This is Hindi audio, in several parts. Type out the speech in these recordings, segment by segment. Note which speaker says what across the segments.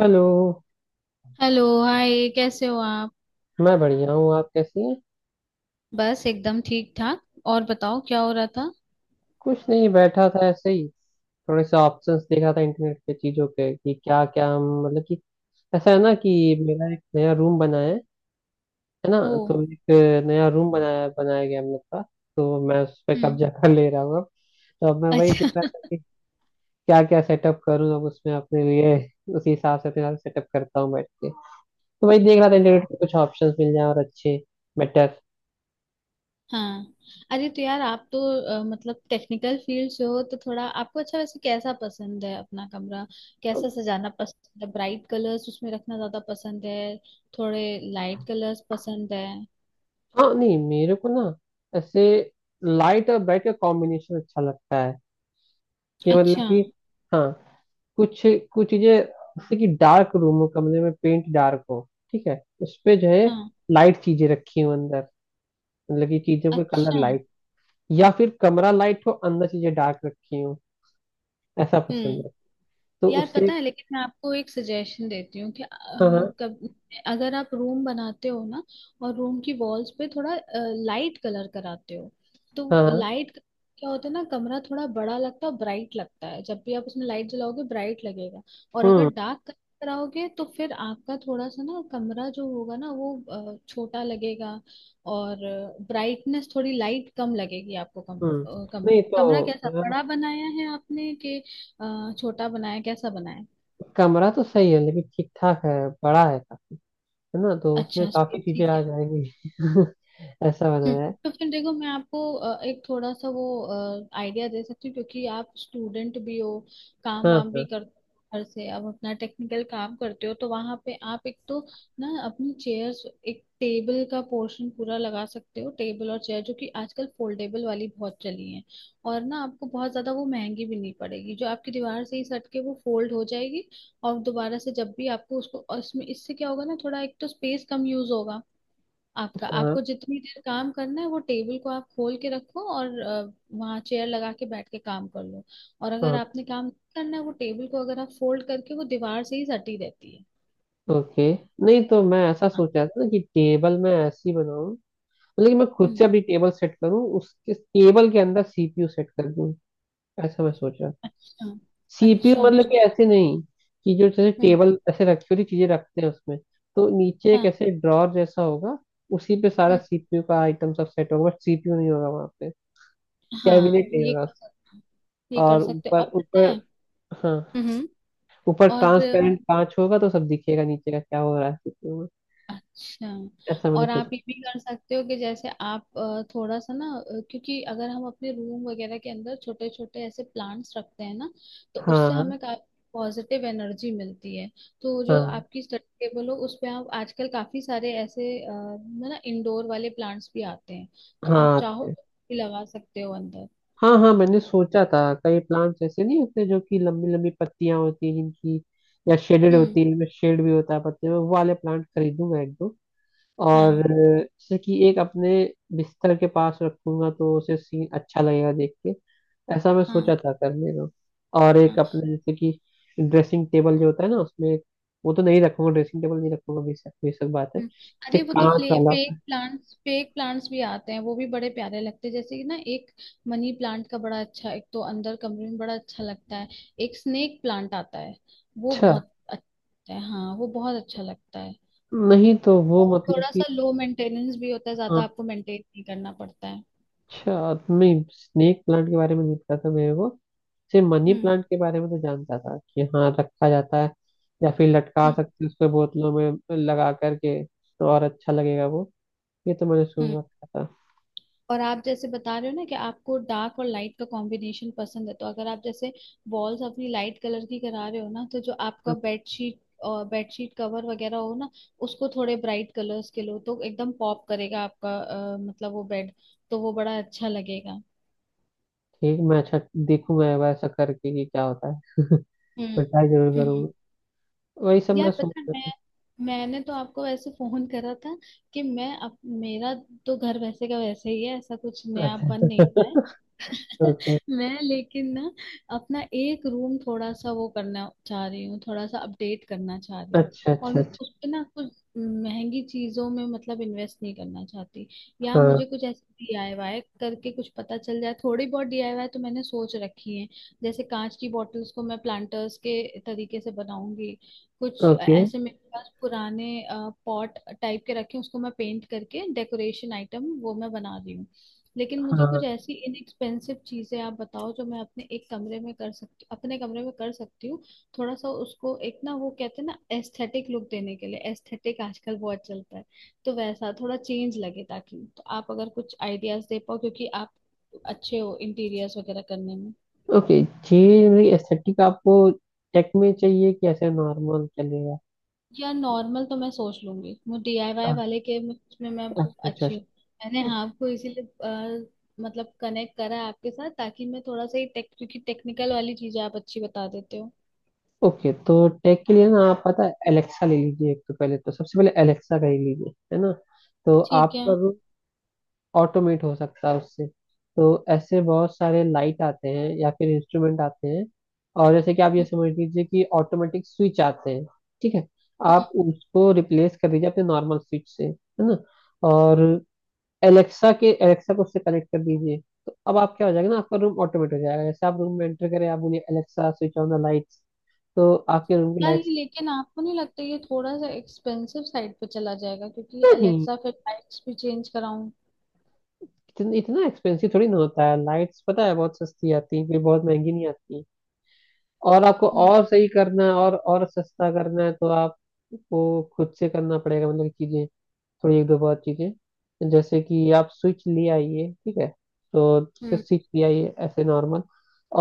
Speaker 1: हेलो।
Speaker 2: Hello, hi. कैसे हो आप?
Speaker 1: मैं बढ़िया हूँ, आप कैसी हैं?
Speaker 2: बस एकदम ठीक ठाक। और बताओ, क्या हो रहा था?
Speaker 1: कुछ नहीं, बैठा था ऐसे ही। थोड़े से ऑप्शंस देखा था इंटरनेट पे चीज़ों पे कि क्या क्या हम, मतलब कि ऐसा है ना कि मेरा एक नया रूम बना है ना?
Speaker 2: ओ।
Speaker 1: तो एक नया रूम बनाया बनाया गया हम लोग का। तो मैं उस पर
Speaker 2: हम्म।
Speaker 1: कब्जा कर ले रहा हूँ अब। तो अब मैं वही देख
Speaker 2: अच्छा।
Speaker 1: रहा था कि क्या क्या सेटअप करूँ अब उसमें अपने लिए, उसी हिसाब से अपने सेटअप करता हूँ बैठ के। तो वही देख रहा था इंटरनेट पे कुछ ऑप्शंस मिल जाए और अच्छे, बेटर।
Speaker 2: हाँ। अरे, तो यार, आप तो मतलब टेक्निकल फील्ड से हो तो थोड़ा आपको अच्छा। वैसे कैसा पसंद है अपना कमरा, कैसा सजाना पसंद है? ब्राइट कलर्स उसमें रखना ज्यादा पसंद है, थोड़े लाइट कलर्स पसंद है?
Speaker 1: हाँ, नहीं मेरे को ना ऐसे लाइट और ब्राइट का कॉम्बिनेशन अच्छा लगता है, कि मतलब
Speaker 2: अच्छा।
Speaker 1: कि हाँ, कुछ कुछ चीजें जैसे कि डार्क रूम हो, कमरे में पेंट डार्क हो, ठीक है, उस पे जो है
Speaker 2: हाँ।
Speaker 1: लाइट चीजें रखी हो अंदर, मतलब कि चीजों के कलर
Speaker 2: अच्छा।
Speaker 1: लाइट, या फिर कमरा लाइट हो अंदर चीजें डार्क रखी हो, ऐसा पसंद
Speaker 2: हम्म।
Speaker 1: है। तो
Speaker 2: यार पता
Speaker 1: उससे
Speaker 2: है, लेकिन मैं आपको एक सजेशन देती हूँ कि अ,
Speaker 1: हाँ हाँ,
Speaker 2: कब अगर आप रूम बनाते हो ना, और रूम की वॉल्स पे थोड़ा लाइट कलर कराते हो, तो
Speaker 1: हाँ हाँ,
Speaker 2: लाइट क्या होता है ना, कमरा थोड़ा बड़ा लगता है, ब्राइट लगता है। जब भी आप उसमें लाइट जलाओगे ब्राइट लगेगा। और अगर
Speaker 1: हम्म
Speaker 2: डार्क कराओगे तो फिर आपका थोड़ा सा ना कमरा जो होगा ना वो छोटा लगेगा। और ब्राइटनेस थोड़ी लाइट कम लगेगी आपको, कम
Speaker 1: हम्म।
Speaker 2: कम।
Speaker 1: नहीं तो
Speaker 2: कमरा कैसा
Speaker 1: अ,
Speaker 2: बड़ा बनाया है आपने, कि छोटा बनाया, कैसा बनाया?
Speaker 1: कमरा तो सही है, लेकिन ठीक ठाक है, बड़ा है ना? तो उसमें
Speaker 2: अच्छा, स्पेस
Speaker 1: काफी चीजें
Speaker 2: ठीक
Speaker 1: आ
Speaker 2: है।
Speaker 1: जाएंगी। ऐसा
Speaker 2: हम्म।
Speaker 1: बनाया है।
Speaker 2: तो फिर देखो, मैं आपको एक थोड़ा सा वो आइडिया दे सकती हूँ। क्योंकि आप स्टूडेंट भी हो, काम वाम
Speaker 1: हाँ
Speaker 2: भी कर घर से अब अपना टेक्निकल काम करते हो, तो वहां पे आप एक तो ना अपनी चेयर्स एक टेबल का पोर्शन पूरा लगा सकते हो। टेबल और चेयर, जो कि आजकल फोल्डेबल वाली बहुत चली है, और ना आपको बहुत ज्यादा वो महंगी भी नहीं पड़ेगी, जो आपकी दीवार से ही सट के वो फोल्ड हो जाएगी। और दोबारा से जब भी आपको उसको, और इसमें इससे क्या होगा ना, थोड़ा एक तो स्पेस कम यूज होगा आपका।
Speaker 1: हाँ
Speaker 2: आपको जितनी देर काम करना है वो टेबल को आप खोल के रखो, और वहाँ चेयर लगा के बैठ के काम कर लो। और अगर
Speaker 1: हाँ।
Speaker 2: आपने काम नहीं करना है वो टेबल को अगर आप फोल्ड करके वो दीवार से ही सटी रहती है।
Speaker 1: ओके। नहीं तो मैं ऐसा
Speaker 2: हाँ।
Speaker 1: सोच रहा था ना कि टेबल मैं ऐसी बनाऊं, मतलब कि मैं खुद से
Speaker 2: हम्म।
Speaker 1: अभी टेबल सेट करूं, उसके टेबल के अंदर सीपीयू सेट कर दूं। ऐसा मैं सोच रहा था।
Speaker 2: अच्छा,
Speaker 1: सीपीयू
Speaker 2: अच्छा,
Speaker 1: मतलब
Speaker 2: अच्छा।
Speaker 1: कि ऐसे नहीं कि जो जैसे
Speaker 2: हम्म।
Speaker 1: टेबल ऐसे रखी हुई चीजें रखते हैं उसमें। तो नीचे एक
Speaker 2: हाँ।
Speaker 1: ऐसे ड्रॉर जैसा होगा, उसी पे सारा
Speaker 2: हम्म।
Speaker 1: सीपीयू का आइटम सब सेट होगा, बट सीपीयू नहीं होगा वहां पे,
Speaker 2: हाँ,
Speaker 1: कैबिनेट नहीं
Speaker 2: ये
Speaker 1: होगा।
Speaker 2: कर सकते हो, ये कर
Speaker 1: और
Speaker 2: सकते हो,
Speaker 1: ऊपर
Speaker 2: और पता है।
Speaker 1: ऊपर हाँ,
Speaker 2: हम्म।
Speaker 1: ऊपर
Speaker 2: और
Speaker 1: ट्रांसपेरेंट कांच होगा, तो सब दिखेगा नीचे का क्या हो रहा है किचन में।
Speaker 2: अच्छा,
Speaker 1: ऐसा मैंने
Speaker 2: और आप
Speaker 1: सोचा।
Speaker 2: ये भी कर सकते हो कि जैसे आप थोड़ा सा ना क्योंकि अगर हम अपने रूम वगैरह के अंदर छोटे छोटे ऐसे प्लांट्स रखते हैं ना, तो उससे
Speaker 1: हाँ
Speaker 2: हमें काफी पॉजिटिव एनर्जी मिलती है। तो जो
Speaker 1: हाँ
Speaker 2: आपकी स्टडी टेबल हो उस पे, आप आजकल काफी सारे ऐसे ना इंडोर वाले प्लांट्स भी आते हैं, तो आप
Speaker 1: हाँ
Speaker 2: चाहो तो भी लगा सकते हो अंदर।
Speaker 1: हाँ हाँ, मैंने सोचा था कई प्लांट्स ऐसे नहीं होते जो कि लंबी लंबी पत्तियां होती हैं जिनकी, या शेडेड
Speaker 2: हम्म।
Speaker 1: होती है, इनमें शेड भी होता है पत्ते में, वो वाले प्लांट खरीदूंगा एक दो। और
Speaker 2: हाँ
Speaker 1: जैसे कि एक अपने बिस्तर के पास रखूंगा तो उसे सीन अच्छा लगेगा देख के। ऐसा मैं
Speaker 2: हाँ
Speaker 1: सोचा था करने का। और एक
Speaker 2: हाँ।
Speaker 1: अपने जैसे कि ड्रेसिंग टेबल जो होता है ना, उसमें वो तो नहीं रखूंगा, ड्रेसिंग टेबल नहीं रखूंगा, बेशक बेशक बात है,
Speaker 2: हम्म।
Speaker 1: जैसे
Speaker 2: अरे, वो तो
Speaker 1: कांच वाला।
Speaker 2: फेक प्लांट्स, फेक प्लांट्स भी आते हैं। वो भी बड़े प्यारे लगते हैं, जैसे कि ना एक मनी प्लांट का बड़ा अच्छा, एक तो अंदर कमरे में बड़ा अच्छा लगता है। एक स्नेक प्लांट आता है, वो
Speaker 1: अच्छा
Speaker 2: बहुत अच्छा है। हाँ, वो बहुत अच्छा लगता है।
Speaker 1: नहीं, तो वो
Speaker 2: और
Speaker 1: मतलब
Speaker 2: थोड़ा
Speaker 1: कि
Speaker 2: सा लो मेंटेनेंस भी होता है,
Speaker 1: हाँ,
Speaker 2: ज्यादा आपको मेंटेन नहीं करना पड़ता है।
Speaker 1: अच्छा नहीं स्नेक प्लांट के बारे में नहीं पता था मेरे को, सिर्फ मनी
Speaker 2: हम्म।
Speaker 1: प्लांट के बारे में तो जानता था कि हाँ रखा जाता है, या फिर लटका
Speaker 2: हम्म।
Speaker 1: सकते हैं उसको बोतलों में लगा करके तो और अच्छा लगेगा वो। ये तो मैंने
Speaker 2: हम्म।
Speaker 1: सुन रखा था।
Speaker 2: और आप जैसे बता रहे हो ना कि आपको डार्क और लाइट का कॉम्बिनेशन पसंद है, तो अगर आप जैसे वॉल्स अपनी लाइट कलर की करा रहे हो ना, तो जो
Speaker 1: हाँ,
Speaker 2: आपका बेडशीट और बेडशीट कवर वगैरह हो ना, उसको थोड़े ब्राइट कलर्स के लो तो एकदम पॉप करेगा आपका मतलब वो बेड। तो वो बड़ा अच्छा लगेगा।
Speaker 1: ठीक, मैं अच्छा देखूंगा एक बार ऐसा करके कि क्या होता है।
Speaker 2: हम्म।
Speaker 1: मैं ट्राई जरूर
Speaker 2: हम्म।
Speaker 1: करूंगा। वही सब
Speaker 2: यार
Speaker 1: मैं
Speaker 2: पता है,
Speaker 1: सोच
Speaker 2: मैं, मैंने तो आपको वैसे फोन करा था कि मैं, अब मेरा तो घर वैसे का वैसे ही है, ऐसा कुछ
Speaker 1: रहा
Speaker 2: नया
Speaker 1: था।
Speaker 2: बन नहीं रहा है।
Speaker 1: अच्छा। ओके।
Speaker 2: मैं लेकिन ना अपना एक रूम थोड़ा सा वो करना चाह रही हूँ, थोड़ा सा अपडेट करना चाह रही हूँ।
Speaker 1: अच्छा
Speaker 2: और
Speaker 1: अच्छा
Speaker 2: मैं
Speaker 1: अच्छा।
Speaker 2: उस पे ना कुछ महंगी चीजों में मतलब इन्वेस्ट नहीं करना चाहती, या
Speaker 1: हाँ।
Speaker 2: मुझे कुछ ऐसे डीआईवाई करके कुछ पता चल जाए, थोड़ी बहुत डीआईवाई तो मैंने सोच रखी है। जैसे कांच की बॉटल्स को मैं प्लांटर्स के तरीके से बनाऊंगी, कुछ
Speaker 1: ओके।
Speaker 2: ऐसे मेरे पास पुराने पॉट टाइप के रखे हैं, उसको मैं पेंट करके डेकोरेशन आइटम वो मैं बना रही हूँ। लेकिन मुझे
Speaker 1: हाँ।
Speaker 2: कुछ ऐसी इनएक्सपेंसिव चीजें आप बताओ जो मैं अपने एक कमरे में कर सकती, अपने कमरे में कर सकती हूँ। थोड़ा सा उसको एक ना, वो कहते हैं ना, एस्थेटिक लुक देने के लिए। एस्थेटिक आजकल बहुत चलता है, तो वैसा थोड़ा चेंज लगे ताकि। तो आप अगर कुछ आइडियाज दे पाओ क्योंकि आप अच्छे हो इंटीरियर्स वगैरह करने में।
Speaker 1: ओके। जी, एस्थेटिक आपको टेक में चाहिए कि ऐसे नॉर्मल चलेगा?
Speaker 2: यार नॉर्मल तो मैं सोच लूंगी, मैं डीआईवाई
Speaker 1: हाँ,
Speaker 2: वाले के में मैं
Speaker 1: अच्छा अच्छा
Speaker 2: अच्छी
Speaker 1: अच्छा।
Speaker 2: हूँ। मैंने हाँ आपको इसीलिए मतलब कनेक्ट करा है आपके साथ, ताकि मैं थोड़ा सा ही टेक क्योंकि टेक्निकल वाली चीजें आप अच्छी बता देते हो।
Speaker 1: ओके, तो टेक के लिए ना आप पता है एलेक्सा ले लीजिए, एक तो पहले तो सबसे पहले एलेक्सा का ही लीजिए, है ना? तो
Speaker 2: ठीक है।
Speaker 1: आपका
Speaker 2: हम्म।
Speaker 1: रूम ऑटोमेट हो सकता है उससे। तो ऐसे बहुत सारे लाइट आते हैं या फिर इंस्ट्रूमेंट आते हैं, और जैसे कि आप ये समझ लीजिए कि ऑटोमेटिक स्विच आते हैं, ठीक है।
Speaker 2: हम्म।
Speaker 1: आप उसको रिप्लेस कर दीजिए अपने नॉर्मल स्विच से, है ना? और एलेक्सा को उससे कनेक्ट कर दीजिए। तो अब आप, क्या हो जाएगा ना, आपका रूम ऑटोमेट हो जाएगा। जैसे आप रूम में एंटर करें, आप बोलिए Alexa switch on the lights, तो आपके रूम की
Speaker 2: यार ये,
Speaker 1: लाइट्स।
Speaker 2: लेकिन आपको नहीं लगता ये थोड़ा सा एक्सपेंसिव साइड पे चला जाएगा क्योंकि
Speaker 1: नहीं,
Speaker 2: एलेक्सा फिर लाइट्स भी चेंज कराऊं?
Speaker 1: इतना इतना एक्सपेंसिव थोड़ी ना होता है, लाइट्स पता है बहुत सस्ती आती है, कोई बहुत महंगी नहीं आती। और आपको
Speaker 2: हम्म।
Speaker 1: और सही करना है और सस्ता करना है तो आपको खुद से करना पड़ेगा, मतलब चीजें थोड़ी, एक दो बहुत चीजें जैसे कि आप स्विच ले आइए, ठीक है? तो जैसे
Speaker 2: हम्म।
Speaker 1: स्विच ले आइए ऐसे नॉर्मल,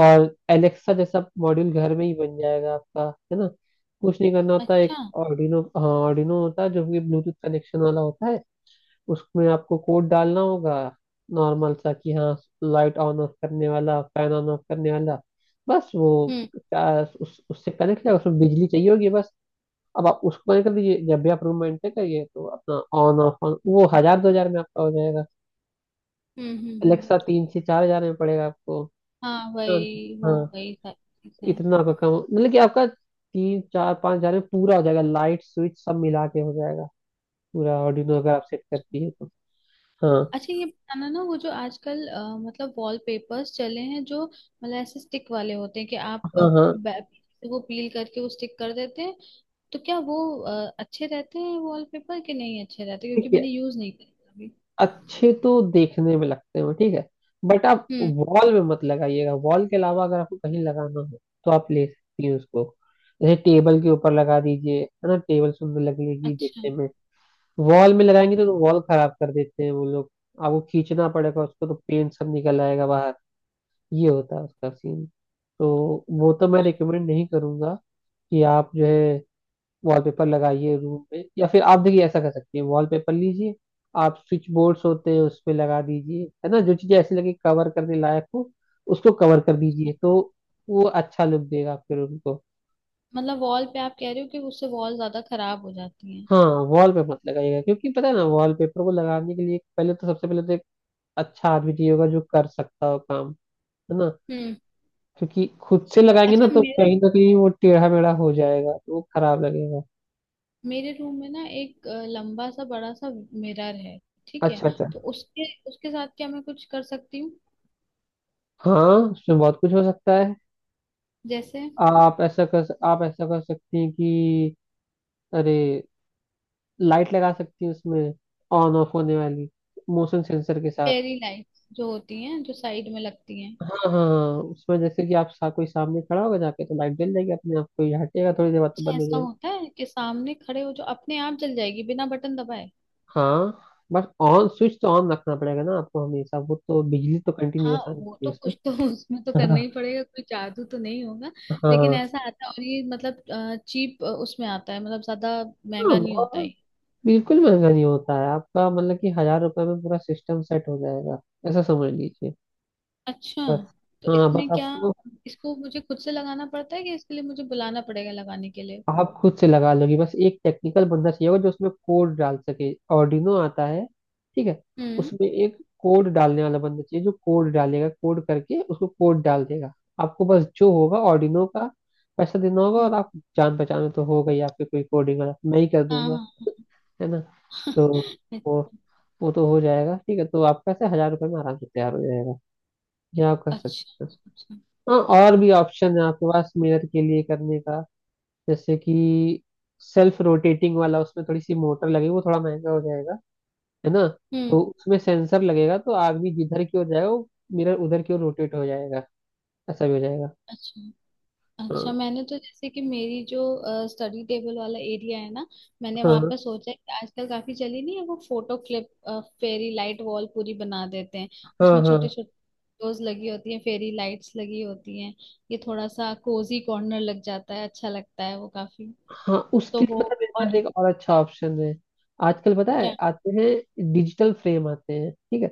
Speaker 1: और एलेक्सा जैसा मॉड्यूल घर में ही बन जाएगा आपका, है ना? कुछ नहीं करना होता, एक
Speaker 2: अच्छा।
Speaker 1: ऑर्डिनो, हाँ, ऑर्डिनो होता है जो कि ब्लूटूथ कनेक्शन वाला होता है, उसमें आपको कोड डालना होगा नॉर्मल सा, कि हाँ लाइट ऑन ऑफ करने वाला, फैन ऑन ऑफ करने वाला। बस वो
Speaker 2: हम्म।
Speaker 1: आ, उस उससे कनेक्ट है, उसमें बिजली चाहिए होगी बस। अब आप उसको कनेक्ट कर दीजिए, जब भी आप रूम में एंटर करिए तो अपना ऑन ऑफ ऑन, वो हजार दो हजार में आपका हो जाएगा।
Speaker 2: हम्म। हम्म।
Speaker 1: Alexa
Speaker 2: हम्म।
Speaker 1: तीन से चार हजार में पड़ेगा आपको।
Speaker 2: हाँ,
Speaker 1: हाँ
Speaker 2: वही वो
Speaker 1: हाँ,
Speaker 2: वही सारी चीजें।
Speaker 1: इतना आपका कम, मतलब कि आपका तीन चार पाँच हजार में पूरा हो जाएगा, लाइट स्विच सब मिला के हो जाएगा, पूरा ऑर्डिनो अगर आप सेट करती है तो। हाँ
Speaker 2: अच्छा, ये बताना ना, वो जो आजकल मतलब वॉलपेपर्स चले हैं, जो मतलब ऐसे स्टिक वाले होते हैं कि आप
Speaker 1: हाँ हाँ।
Speaker 2: बै- वो पील करके वो स्टिक कर देते हैं। तो क्या वो अच्छे रहते हैं वॉलपेपर के, नहीं अच्छे रहते,
Speaker 1: ठीक
Speaker 2: क्योंकि
Speaker 1: है।
Speaker 2: मैंने यूज नहीं करे अभी?
Speaker 1: अच्छे तो देखने में लगते हो, ठीक है, बट आप
Speaker 2: हम्म।
Speaker 1: वॉल में मत लगाइएगा। वॉल के अलावा अगर आपको कहीं लगाना हो तो आप ले सकती हैं उसको, जैसे टेबल के ऊपर लगा दीजिए, है ना, टेबल सुंदर लगेगी
Speaker 2: अच्छा,
Speaker 1: देखने में। वॉल में लगाएंगे तो वॉल खराब कर देते हैं वो लोग, आपको खींचना पड़ेगा उसको तो पेंट सब निकल आएगा बाहर, ये होता है उसका सीन। तो वो तो मैं रिकमेंड नहीं करूंगा कि आप जो है वॉलपेपर लगाइए रूम पे। या फिर आप देखिए ऐसा कर सकती हैं, वॉलपेपर लीजिए, आप स्विच बोर्ड्स होते हैं उस पे लगा दीजिए, है ना, जो चीजें ऐसी लगे कवर करने लायक हो उसको कवर कर
Speaker 2: अच्छा।
Speaker 1: दीजिए, तो वो अच्छा लुक देगा आपके रूम को।
Speaker 2: मतलब वॉल पे आप कह रहे हो कि उससे वॉल ज्यादा खराब हो जाती है?
Speaker 1: हाँ, वॉल पे मत लगाइएगा, क्योंकि पता है ना वॉलपेपर को लगाने के लिए पहले तो सबसे पहले तो एक अच्छा आदमी चाहिए होगा जो कर सकता हो काम, है ना?
Speaker 2: हम्म।
Speaker 1: क्योंकि खुद से लगाएंगे ना
Speaker 2: अच्छा,
Speaker 1: तो
Speaker 2: मेरे
Speaker 1: कहीं ना कहीं वो टेढ़ा मेढ़ा हो जाएगा तो वो खराब लगेगा।
Speaker 2: मेरे रूम में ना एक लंबा सा बड़ा सा मिरर है, ठीक है?
Speaker 1: अच्छा अच्छा।
Speaker 2: तो उसके उसके साथ क्या मैं कुछ कर सकती हूँ,
Speaker 1: हाँ, उसमें बहुत कुछ हो सकता है।
Speaker 2: जैसे
Speaker 1: आप ऐसा कर सकती हैं कि अरे, लाइट लगा सकती हैं उसमें, ऑन ऑफ होने वाली, मोशन सेंसर के साथ।
Speaker 2: फेरी लाइट्स जो होती हैं जो साइड में लगती हैं?
Speaker 1: हाँ हाँ हाँ, उसमें जैसे कि कोई सामने खड़ा होगा जाके तो लाइट जल जाएगी अपने आप, कोई हटेगा थोड़ी देर बाद तो
Speaker 2: अच्छा,
Speaker 1: बंद हो
Speaker 2: ऐसा
Speaker 1: जाएगी।
Speaker 2: होता है कि सामने खड़े हो जो अपने आप जल जाएगी बिना बटन दबाए?
Speaker 1: हाँ, बस ऑन स्विच तो ऑन रखना पड़ेगा ना आपको हमेशा, वो तो, बिजली तो
Speaker 2: हाँ,
Speaker 1: कंटिन्यूअस आनी
Speaker 2: वो
Speaker 1: चाहिए
Speaker 2: तो
Speaker 1: उसमें।
Speaker 2: कुछ तो उसमें तो करना
Speaker 1: हाँ
Speaker 2: ही पड़ेगा, कोई जादू तो नहीं होगा। लेकिन
Speaker 1: हाँ
Speaker 2: ऐसा आता है, और ये मतलब चीप उसमें आता है, मतलब ज्यादा
Speaker 1: हाँ,
Speaker 2: महंगा नहीं होता
Speaker 1: बहुत
Speaker 2: है?
Speaker 1: बिल्कुल महंगा नहीं होता है आपका, मतलब कि हजार रुपए में पूरा सिस्टम सेट हो जाएगा, ऐसा समझ लीजिए।
Speaker 2: अच्छा,
Speaker 1: बस
Speaker 2: तो
Speaker 1: हाँ,
Speaker 2: इसमें
Speaker 1: बस
Speaker 2: क्या,
Speaker 1: आपको,
Speaker 2: इसको मुझे खुद से लगाना पड़ता है कि इसके लिए मुझे बुलाना पड़ेगा लगाने के लिए?
Speaker 1: आप खुद से लगा लोगे, बस एक टेक्निकल बंदा चाहिए होगा जो उसमें कोड डाल सके, ऑर्डिनो आता है, ठीक है,
Speaker 2: हम्म।
Speaker 1: उसमें एक कोड डालने वाला बंदा चाहिए, जो कोड डालेगा, कोड करके उसको कोड डाल देगा। आपको बस जो होगा ऑर्डिनो का पैसा देना होगा
Speaker 2: हम्म।
Speaker 1: और आप, जान पहचान में तो होगा ही आपके कोई कोडिंग वाला, मैं ही कर
Speaker 2: हाँ
Speaker 1: दूंगा,
Speaker 2: हाँ।
Speaker 1: है ना? तो
Speaker 2: हाँ।
Speaker 1: वो वो तो हो जाएगा, ठीक है, तो आपका से हजार रुपये में आराम से तैयार हो जाएगा, ये आप कर
Speaker 2: अच्छा,
Speaker 1: सकते हैं।
Speaker 2: अच्छा।
Speaker 1: हाँ और भी ऑप्शन है आपके पास मिरर के लिए करने का, जैसे कि सेल्फ रोटेटिंग वाला, उसमें थोड़ी सी मोटर लगेगी, वो थोड़ा महंगा हो जाएगा, है ना?
Speaker 2: हम्म।
Speaker 1: तो उसमें सेंसर लगेगा, तो आदमी जिधर की ओर जाएगा वो मिरर उधर की ओर रोटेट हो जाएगा। ऐसा भी हो जाएगा।
Speaker 2: अच्छा, अच्छा,
Speaker 1: हाँ
Speaker 2: मैंने तो जैसे कि मेरी जो स्टडी टेबल वाला एरिया है ना, मैंने वहां
Speaker 1: हाँ
Speaker 2: पर सोचा है कि आजकल काफी चली नहीं है वो photo clip fairy light wall पूरी बना देते हैं,
Speaker 1: हाँ
Speaker 2: उसमें
Speaker 1: हाँ
Speaker 2: छोटे छोटे फोटोज लगी होती हैं, फेरी लाइट्स लगी होती हैं, ये थोड़ा सा कोजी कॉर्नर लग जाता है, अच्छा लगता है वो काफी।
Speaker 1: हाँ, उसके
Speaker 2: तो
Speaker 1: लिए
Speaker 2: वो
Speaker 1: पता है मेरे पास
Speaker 2: और
Speaker 1: एक और अच्छा ऑप्शन है। आजकल पता है
Speaker 2: क्या?
Speaker 1: आते हैं, डिजिटल फ्रेम आते हैं, ठीक है?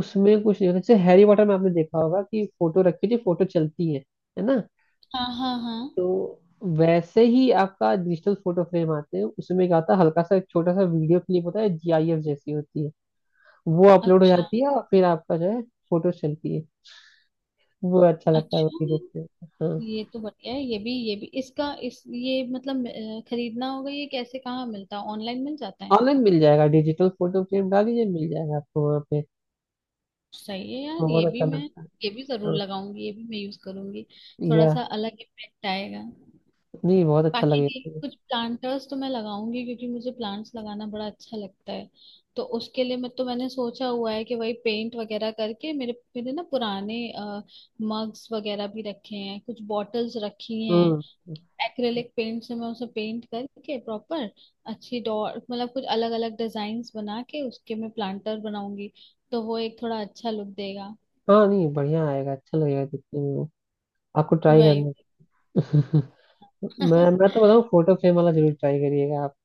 Speaker 1: उसमें कुछ नहीं होता, जैसे हैरी पॉटर में आपने देखा होगा कि फोटो रखी थी, फोटो चलती है ना?
Speaker 2: हाँ हाँ हाँ।
Speaker 1: तो वैसे ही आपका डिजिटल फोटो फ्रेम आते हैं, उसमें क्या होता है हल्का सा एक छोटा सा वीडियो क्लिप होता है, जीआईएफ जैसी होती है, वो अपलोड हो
Speaker 2: अच्छा,
Speaker 1: जाती है और फिर आपका जो है फोटो चलती है। वो अच्छा लगता है, वो
Speaker 2: अच्छा।
Speaker 1: भी देखते हैं। हाँ,
Speaker 2: ये तो बढ़िया है, ये भी इसका इस ये मतलब खरीदना होगा ये? कैसे, कहाँ मिलता है, ऑनलाइन मिल जाता है?
Speaker 1: ऑनलाइन मिल जाएगा, डिजिटल फोटो फ्रेम डाल दीजिए मिल जाएगा आपको वहाँ पे।
Speaker 2: सही है यार,
Speaker 1: बहुत
Speaker 2: ये भी
Speaker 1: अच्छा
Speaker 2: मैं,
Speaker 1: लगता है।
Speaker 2: ये भी जरूर
Speaker 1: हाँ
Speaker 2: लगाऊंगी, ये भी मैं यूज करूंगी। थोड़ा
Speaker 1: या
Speaker 2: सा अलग इफेक्ट आएगा।
Speaker 1: नहीं, बहुत अच्छा
Speaker 2: बाकी ये
Speaker 1: लगेगा।
Speaker 2: कुछ प्लांटर्स तो मैं लगाऊंगी क्योंकि मुझे प्लांट्स लगाना बड़ा अच्छा लगता है। तो उसके लिए मैं, तो मैंने सोचा हुआ है कि वही पेंट वगैरह करके मेरे मेरे ना पुराने मग्स वगैरह भी रखे हैं, कुछ बॉटल्स रखी हैं,
Speaker 1: हम्म।
Speaker 2: एक्रेलिक पेंट से मैं उसे पेंट करके प्रॉपर अच्छी डॉट मतलब कुछ अलग अलग डिजाइन बना के उसके मैं प्लांटर बनाऊंगी। तो वो एक थोड़ा अच्छा लुक देगा।
Speaker 1: हाँ, नहीं बढ़िया आएगा, अच्छा लगेगा देखने में वो। आपको ट्राई
Speaker 2: वही।
Speaker 1: करना। मैं तो बताऊँ, फोटो फ्रेम वाला जरूर ट्राई करिएगा आप,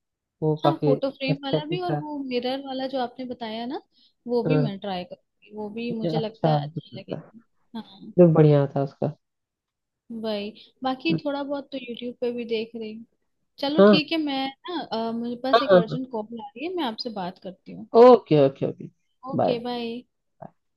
Speaker 1: वो
Speaker 2: हाँ,
Speaker 1: काफी
Speaker 2: फोटो फ्रेम
Speaker 1: अच्छा
Speaker 2: वाला
Speaker 1: चीज
Speaker 2: भी, और
Speaker 1: था।
Speaker 2: वो मिरर वाला जो आपने बताया ना, वो भी
Speaker 1: हाँ
Speaker 2: मैं ट्राई करूंगी, वो भी
Speaker 1: ये
Speaker 2: मुझे लगता
Speaker 1: अच्छा
Speaker 2: है अच्छा लगेगा। हाँ,
Speaker 1: जो बढ़िया था उसका।
Speaker 2: वही। बाकी थोड़ा बहुत तो यूट्यूब पे भी देख रही हूँ। चलो
Speaker 1: हाँ
Speaker 2: ठीक है, मैं ना मेरे
Speaker 1: हाँ
Speaker 2: पास एक
Speaker 1: हाँ।
Speaker 2: अर्जेंट कॉल आ रही है, मैं आपसे बात करती हूँ।
Speaker 1: Okay okay okay.
Speaker 2: Okay,
Speaker 1: bye.
Speaker 2: Bye.